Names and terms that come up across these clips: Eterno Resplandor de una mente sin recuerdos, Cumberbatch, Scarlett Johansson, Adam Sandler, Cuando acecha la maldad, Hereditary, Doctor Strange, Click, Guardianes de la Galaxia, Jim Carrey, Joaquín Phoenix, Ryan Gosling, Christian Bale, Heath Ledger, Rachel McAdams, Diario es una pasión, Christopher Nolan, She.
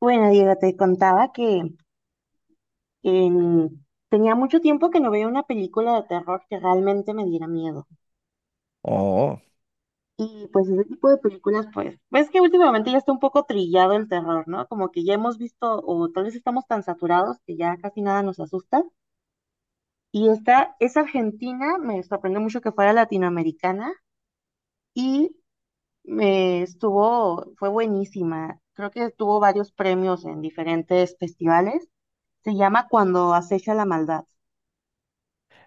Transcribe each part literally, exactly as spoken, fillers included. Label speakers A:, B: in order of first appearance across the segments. A: Bueno, Diego, te contaba que en- tenía mucho tiempo que no veía una película de terror que realmente me diera miedo.
B: Oh,
A: Y pues ese tipo de películas, pues, ves que últimamente ya está un poco trillado el terror, ¿no? Como que ya hemos visto, o tal vez estamos tan saturados que ya casi nada nos asusta. Y esta es argentina, me sorprendió mucho que fuera latinoamericana y me estuvo, fue buenísima. Creo que tuvo varios premios en diferentes festivales. Se llama Cuando acecha la maldad.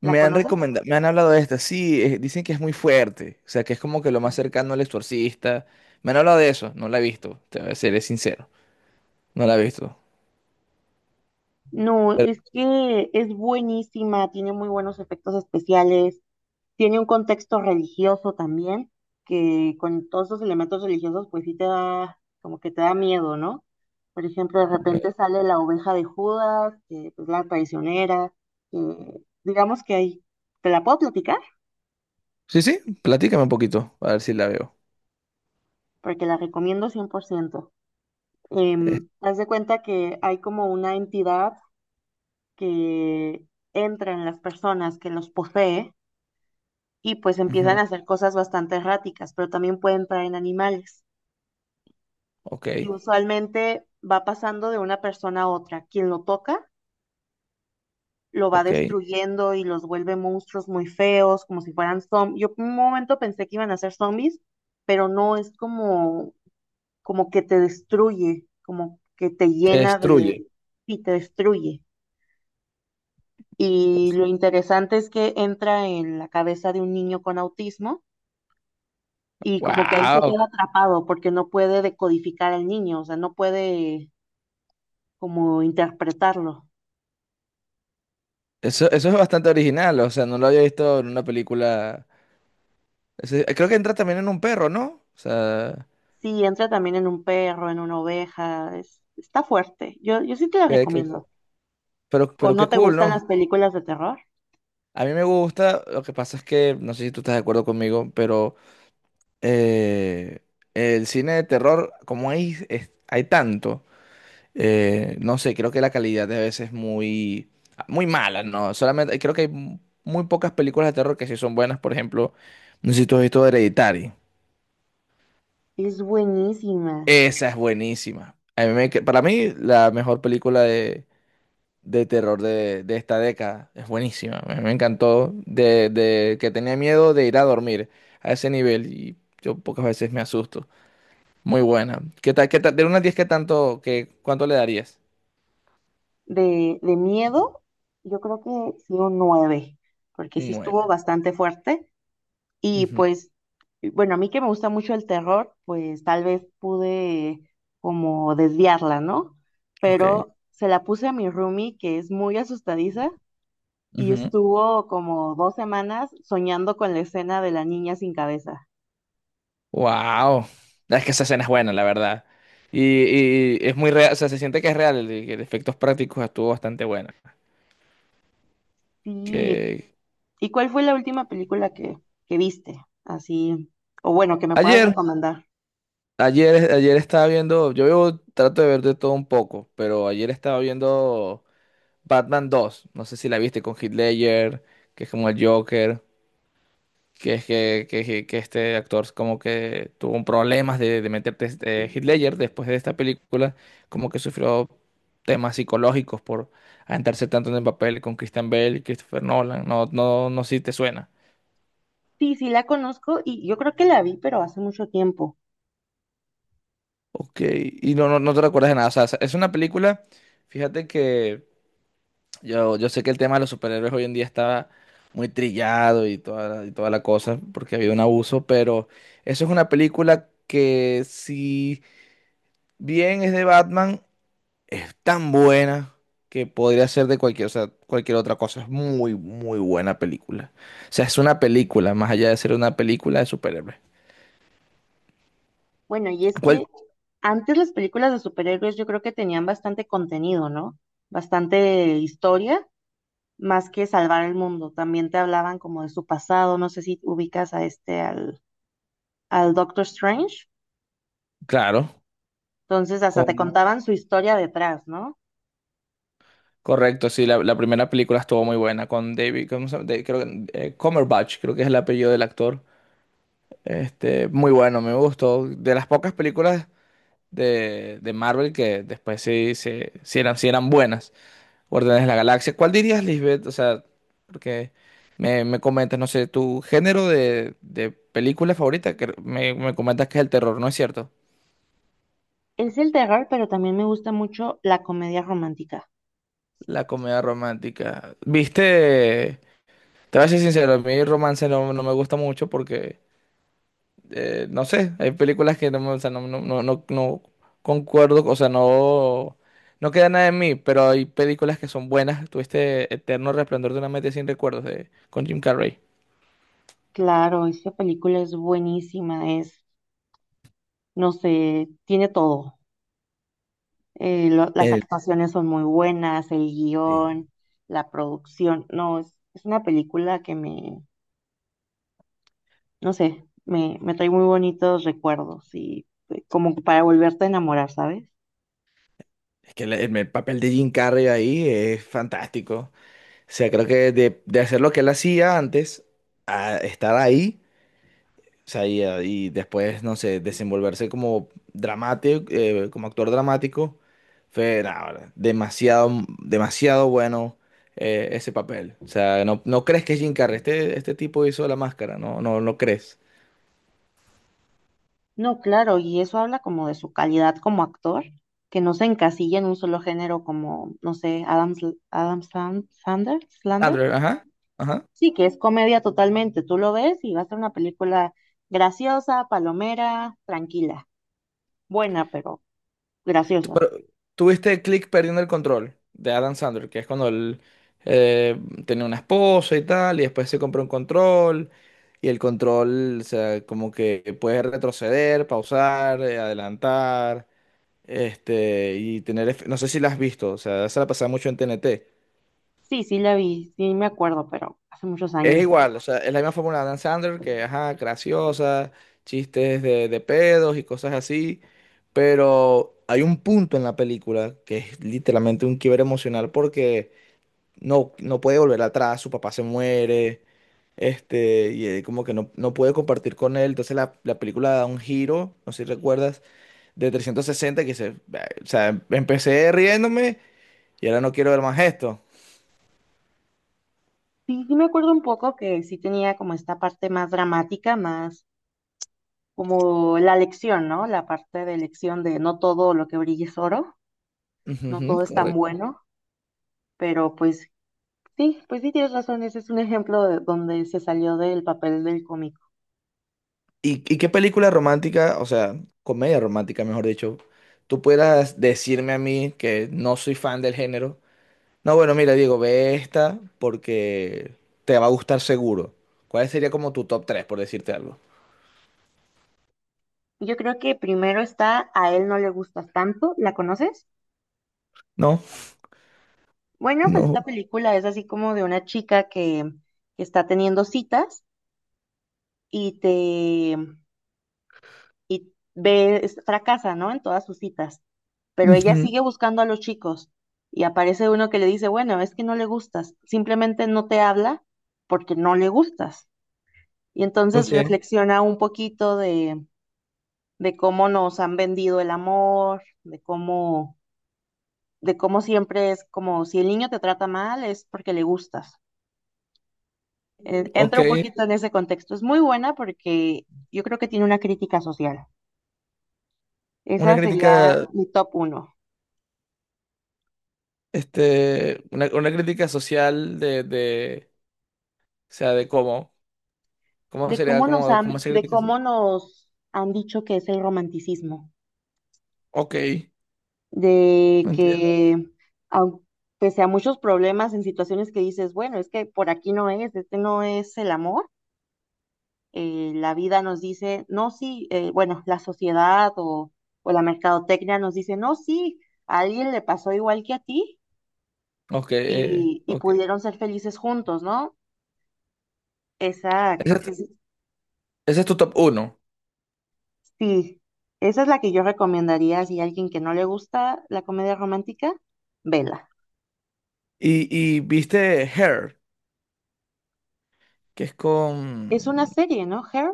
A: ¿La
B: me han
A: conoces?
B: recomendado, me han hablado de esta, sí, eh, dicen que es muy fuerte, o sea, que es como que lo más cercano al exorcista. Me han hablado de eso, no la he visto, te seré sincero, no la he visto.
A: No,
B: Pero,
A: es que es buenísima, tiene muy buenos efectos especiales, tiene un contexto religioso también, que con todos esos elementos religiosos, pues sí te da, como que te da miedo, ¿no? Por ejemplo, de repente
B: ok.
A: sale la oveja de Judas, que es la traicionera, que digamos que ahí, te la puedo platicar,
B: Sí, sí, platícame un poquito, a ver si la veo.
A: porque la recomiendo cien por ciento.
B: Eh,
A: Em, haz de cuenta que hay como una entidad que entra en las personas, que los posee y pues empiezan
B: ujú.
A: a hacer cosas bastante erráticas, pero también pueden traer en animales.
B: Ok,
A: Y usualmente va pasando de una persona a otra. Quien lo toca lo va
B: ok.
A: destruyendo y los vuelve monstruos muy feos, como si fueran zombies. Yo por un momento pensé que iban a ser zombies, pero no es como, como que te destruye, como que te
B: Te
A: llena
B: destruye.
A: de y te destruye. Y lo interesante es que entra en la cabeza de un niño con autismo y como que ahí se
B: Wow,
A: queda atrapado porque no puede decodificar al niño, o sea, no puede como interpretarlo.
B: eso, eso es bastante original, o sea, no lo había visto en una película. Ese- creo que entra también en un perro, ¿no? O sea,
A: Sí, entra también en un perro, en una oveja, es- está fuerte. Yo, yo sí te la
B: que- que-
A: recomiendo.
B: pero,
A: ¿O
B: pero qué
A: no te
B: cool,
A: gustan
B: ¿no?
A: las películas de terror?
B: A mí me gusta, lo que pasa es que no sé si tú estás de acuerdo conmigo, pero eh, el cine de terror, como hay, es- hay tanto, eh, no sé, creo que la calidad de veces es muy, muy mala, ¿no? Solamente creo que hay mu- muy pocas películas de terror que sí son buenas. Por ejemplo, no sé si tú has visto Hereditary,
A: Es buenísima.
B: esa es buenísima. A mí me- para mí, la mejor película de de terror de, de esta década. Es buenísima, me, me encantó. De, de que tenía miedo de ir a dormir a ese nivel, y yo pocas veces me asusto. Muy buena. ¿Qué tal, qué tal? De una a diez, ¿qué tanto, qué, cuánto le darías?
A: De, de miedo, yo creo que sí un nueve porque
B: Un
A: sí
B: nueve.
A: estuvo bastante fuerte. Y
B: Ujú.
A: pues, bueno, a mí que me gusta mucho el terror, pues tal vez pude como desviarla, ¿no?
B: Ok.
A: Pero se la puse a mi roomie, que es muy asustadiza, y
B: Ujú.
A: estuvo como dos semanas soñando con la escena de la niña sin cabeza.
B: Wow. Es que esa escena es buena, la verdad. Y, y es muy real, o sea, se siente que es real, el, el efectos prácticos estuvo bastante buena.
A: Sí.
B: Que
A: ¿Y cuál fue la última película que, que viste? Así, o bueno, que me puedas
B: ayer.
A: recomendar.
B: Ayer, ayer estaba viendo, yo veo- trato de ver de todo un poco, pero ayer estaba viendo Batman dos, no sé si la viste, con Heath Ledger, que es como el Joker. Que es que, que, que- que este actor como que tuvo un problemas de, de meterte este, Heath Ledger, después de esta película, como que sufrió temas psicológicos por adentrarse tanto en el papel con Christian Bale y Christopher Nolan, no, no, no sé si te suena.
A: Sí, sí la conozco y yo creo que la vi, pero hace mucho tiempo.
B: Ok, y no, no, no te recuerdas de nada, o sea, es una película, fíjate que... Yo, yo sé que el tema de los superhéroes hoy en día está muy trillado, y toda, y toda la cosa, porque ha habido un abuso, pero eso es una película que, si bien es de Batman, es tan buena que podría ser de cualquier, o sea, cualquier otra cosa. Es muy, muy buena película. O sea, es una película más allá de ser una película de superhéroes.
A: Bueno, y es
B: ¿Cuál?
A: que antes las películas de superhéroes yo creo que tenían bastante contenido, ¿no? Bastante historia, más que salvar el mundo. También te hablaban como de su pasado, no sé si ubicas a este, al, al Doctor Strange.
B: Claro,
A: Entonces hasta te
B: con,
A: contaban su historia detrás, ¿no?
B: correcto. Sí, la, la primera película estuvo muy buena con David, ¿cómo se llama? De- creo que- eh, Cumberbatch, creo que es el apellido del actor. Este, muy bueno, me gustó. De las pocas películas de, de Marvel que después sí, sí, sí eran, sí eran buenas. Guardianes de la Galaxia. ¿Cuál dirías, Lisbeth? O sea, porque me, me comentas, no sé, tu género de, de película favorita, que me, me comentas que es el terror, ¿no es cierto?
A: Es el terror, pero también me gusta mucho la comedia romántica.
B: La comedia romántica. Viste, te voy a ser sincero, a mí romance no, no me gusta mucho porque eh, no sé, hay películas que no, me- o sea, no, no, no, no, no concuerdo, o sea, no, no queda nada en mí, pero hay películas que son buenas. Tuviste Eterno Resplandor de una mente sin recuerdos de, con Jim Carrey.
A: Claro, esta película es buenísima, es, no sé, tiene todo. Eh, lo- las
B: El,
A: actuaciones son muy buenas, el
B: eh,
A: guión, la producción. No, es, es una película que me, no sé, me, me trae muy bonitos recuerdos y eh, como para volverte a enamorar, ¿sabes?
B: es que el, el- el papel de Jim Carrey ahí es fantástico. O sea, creo que de, de hacer lo que él hacía antes, a estar ahí. O sea, y eh, y después, no sé, desenvolverse como dramático, eh, como actor dramático, fue nah, ahora, demasiado, demasiado bueno eh, ese papel. O sea, no, no crees que es Jim Carrey, este, este tipo hizo la máscara, no, no, no crees.
A: No, claro, y eso habla como de su calidad como actor, que no se encasilla en un solo género como, no sé, Adam, Sl- Adam Sand- Sandler, Slander.
B: Sandler, ajá, ajá.
A: Sí, que es comedia totalmente. Tú lo ves y va a ser una película graciosa, palomera, tranquila, buena, pero
B: Tú-
A: graciosa.
B: Pero tuviste Click perdiendo el control de Adam Sandler, que es cuando él eh, tenía una esposa y tal, y después se compró un control. Y el control, o sea, como que puedes retroceder, pausar, eh, adelantar, este, y tener, efe- no sé si la has visto, o sea, se la pasaba mucho en T N T.
A: Sí, sí la vi, sí me acuerdo, pero hace muchos
B: Es
A: años.
B: igual, o sea, es la misma fórmula de Dan Sandler, que, ajá, graciosa, chistes de, de pedos y cosas así, pero hay un punto en la película que es literalmente un quiebre emocional porque no, no puede volver atrás, su papá se muere, este, y él como que no, no puede compartir con él. Entonces la, la película da un giro, no sé si recuerdas, de trescientos sesenta, que se, o sea, em- empecé riéndome, y ahora no quiero ver más esto.
A: Sí, sí me acuerdo un poco que sí tenía como esta parte más dramática, más como la lección, ¿no? La parte de lección de no todo lo que brilla es oro,
B: Ujú,
A: no
B: ujú,
A: todo es tan
B: correcto.
A: bueno, pero pues sí, pues sí tienes razón, ese es un ejemplo de donde se salió del papel del cómico.
B: ¿Y, y qué película romántica, o sea, comedia romántica, mejor dicho, tú puedas decirme a mí, que no soy fan del género? No, bueno, mira, Diego, ve esta porque te va a gustar seguro. ¿Cuál sería como tu top tres, por decirte algo?
A: Yo creo que primero está A él no le gustas tanto, ¿la conoces?
B: ¿No?
A: Bueno, pues esta
B: No.
A: película es así como de una chica que que está teniendo citas y te y ve, es- fracasa, ¿no? En todas sus citas, pero ella
B: Ujú.
A: sigue buscando a los chicos y aparece uno que le dice, bueno, es que no le gustas, simplemente no te habla porque no le gustas. Y entonces
B: Ok,
A: reflexiona un poquito de, de cómo nos han vendido el amor, de cómo, de cómo siempre es como si el niño te trata mal es porque le gustas. Eh,
B: ok.
A: Entra un poquito en ese contexto. Es muy buena porque yo creo que tiene una crítica social.
B: Una
A: Esa sería
B: crítica,
A: mi top uno.
B: este, una, una crítica social de, de, o sea, de cómo, cómo
A: De
B: sería,
A: cómo nos
B: cómo, cómo
A: han,
B: se
A: de
B: critica.
A: cómo nos han dicho que es el romanticismo,
B: Ok,
A: de
B: entiendo.
A: que au- pese a muchos problemas en situaciones que dices, bueno, es que por aquí no es, este no es el amor, eh, la vida nos dice, no, sí, eh, bueno, la sociedad o, o la mercadotecnia nos dice, no, sí, a alguien le pasó igual que a ti
B: Ok, eh,
A: y, y
B: ok.
A: pudieron ser felices juntos, ¿no? Esa
B: Ese
A: creo que
B: es,
A: es
B: ese es tu top uno.
A: sí, esa es la que yo recomendaría si a alguien que no le gusta la comedia romántica, vela.
B: Y, y viste Hair, que es con,
A: Es una serie, ¿no? ¿Her?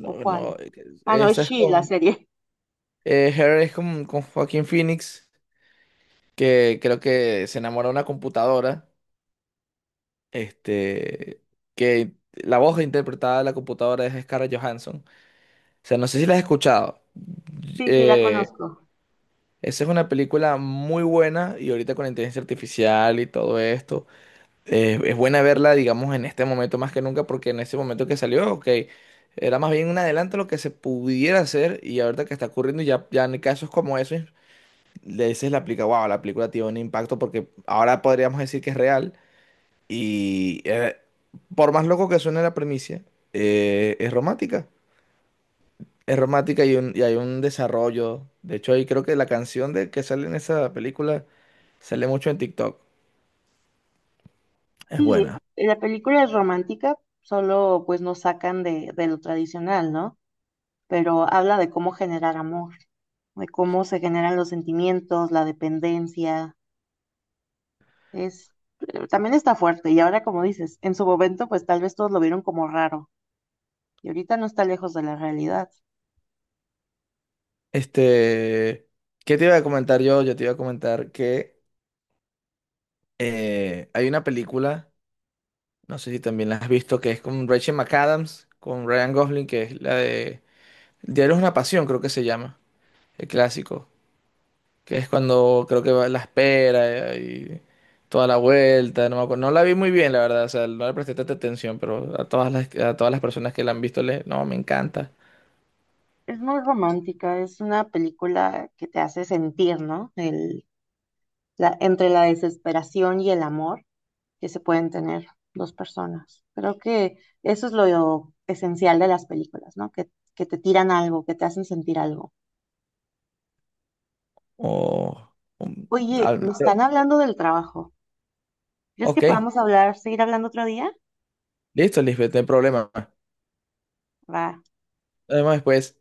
A: ¿O
B: no,
A: cuál? Ah, no, es
B: esa es
A: She, la
B: con,
A: serie.
B: eh, Hair es con con Joaquín Phoenix, que creo que se enamora de una computadora, este, que la voz interpretada de la computadora es Scarlett Johansson. O sea, no sé si la has escuchado.
A: Sí, sí, la
B: Eh,
A: conozco.
B: esa es una película muy buena, y ahorita con la inteligencia artificial y todo esto, eh, es buena verla, digamos, en este momento más que nunca, porque en ese momento que salió, ok, era más bien un adelanto a lo que se pudiera hacer, y ahorita que está ocurriendo ya, ya en casos como esos, le dices la película, wow, la película tiene un impacto porque ahora podríamos decir que es real. Y eh, por más loco que suene la premisa, eh, es romántica. Es romántica, y un- y hay un desarrollo. De hecho, ahí creo que la canción de que sale en esa película sale mucho en TikTok. Es
A: Sí,
B: buena.
A: eh, la película es romántica, solo pues nos sacan de, de lo tradicional, ¿no? Pero habla de cómo generar amor, de cómo se generan los sentimientos, la dependencia. Es, eh, también está fuerte. Y ahora, como dices, en su momento, pues tal vez todos lo vieron como raro. Y ahorita no está lejos de la realidad.
B: Este, ¿qué te iba a comentar yo? Yo te iba a comentar que eh, hay una película, no sé si también la has visto, que es con Rachel McAdams, con Ryan Gosling, que es la de Diario es una pasión, creo que se llama, el clásico. Que es cuando creo que va la espera, eh, y toda la vuelta, no me acuerdo. No la vi muy bien, la verdad, o sea, no le presté tanta atención, pero a todas las, a todas las personas que la han visto, le, no, me encanta.
A: Es muy romántica, es una película que te hace sentir, ¿no? El, la, entre la desesperación y el amor que se pueden tener dos personas. Creo que eso es lo esencial de las películas, ¿no? Que, que te tiran algo, que te hacen sentir algo.
B: O, um,
A: Oye,
B: ah,
A: me están hablando del trabajo. ¿Crees que
B: ok,
A: podamos hablar, seguir hablando otro día?
B: listo, Lisbeth, no hay problema.
A: Va.
B: Además, después.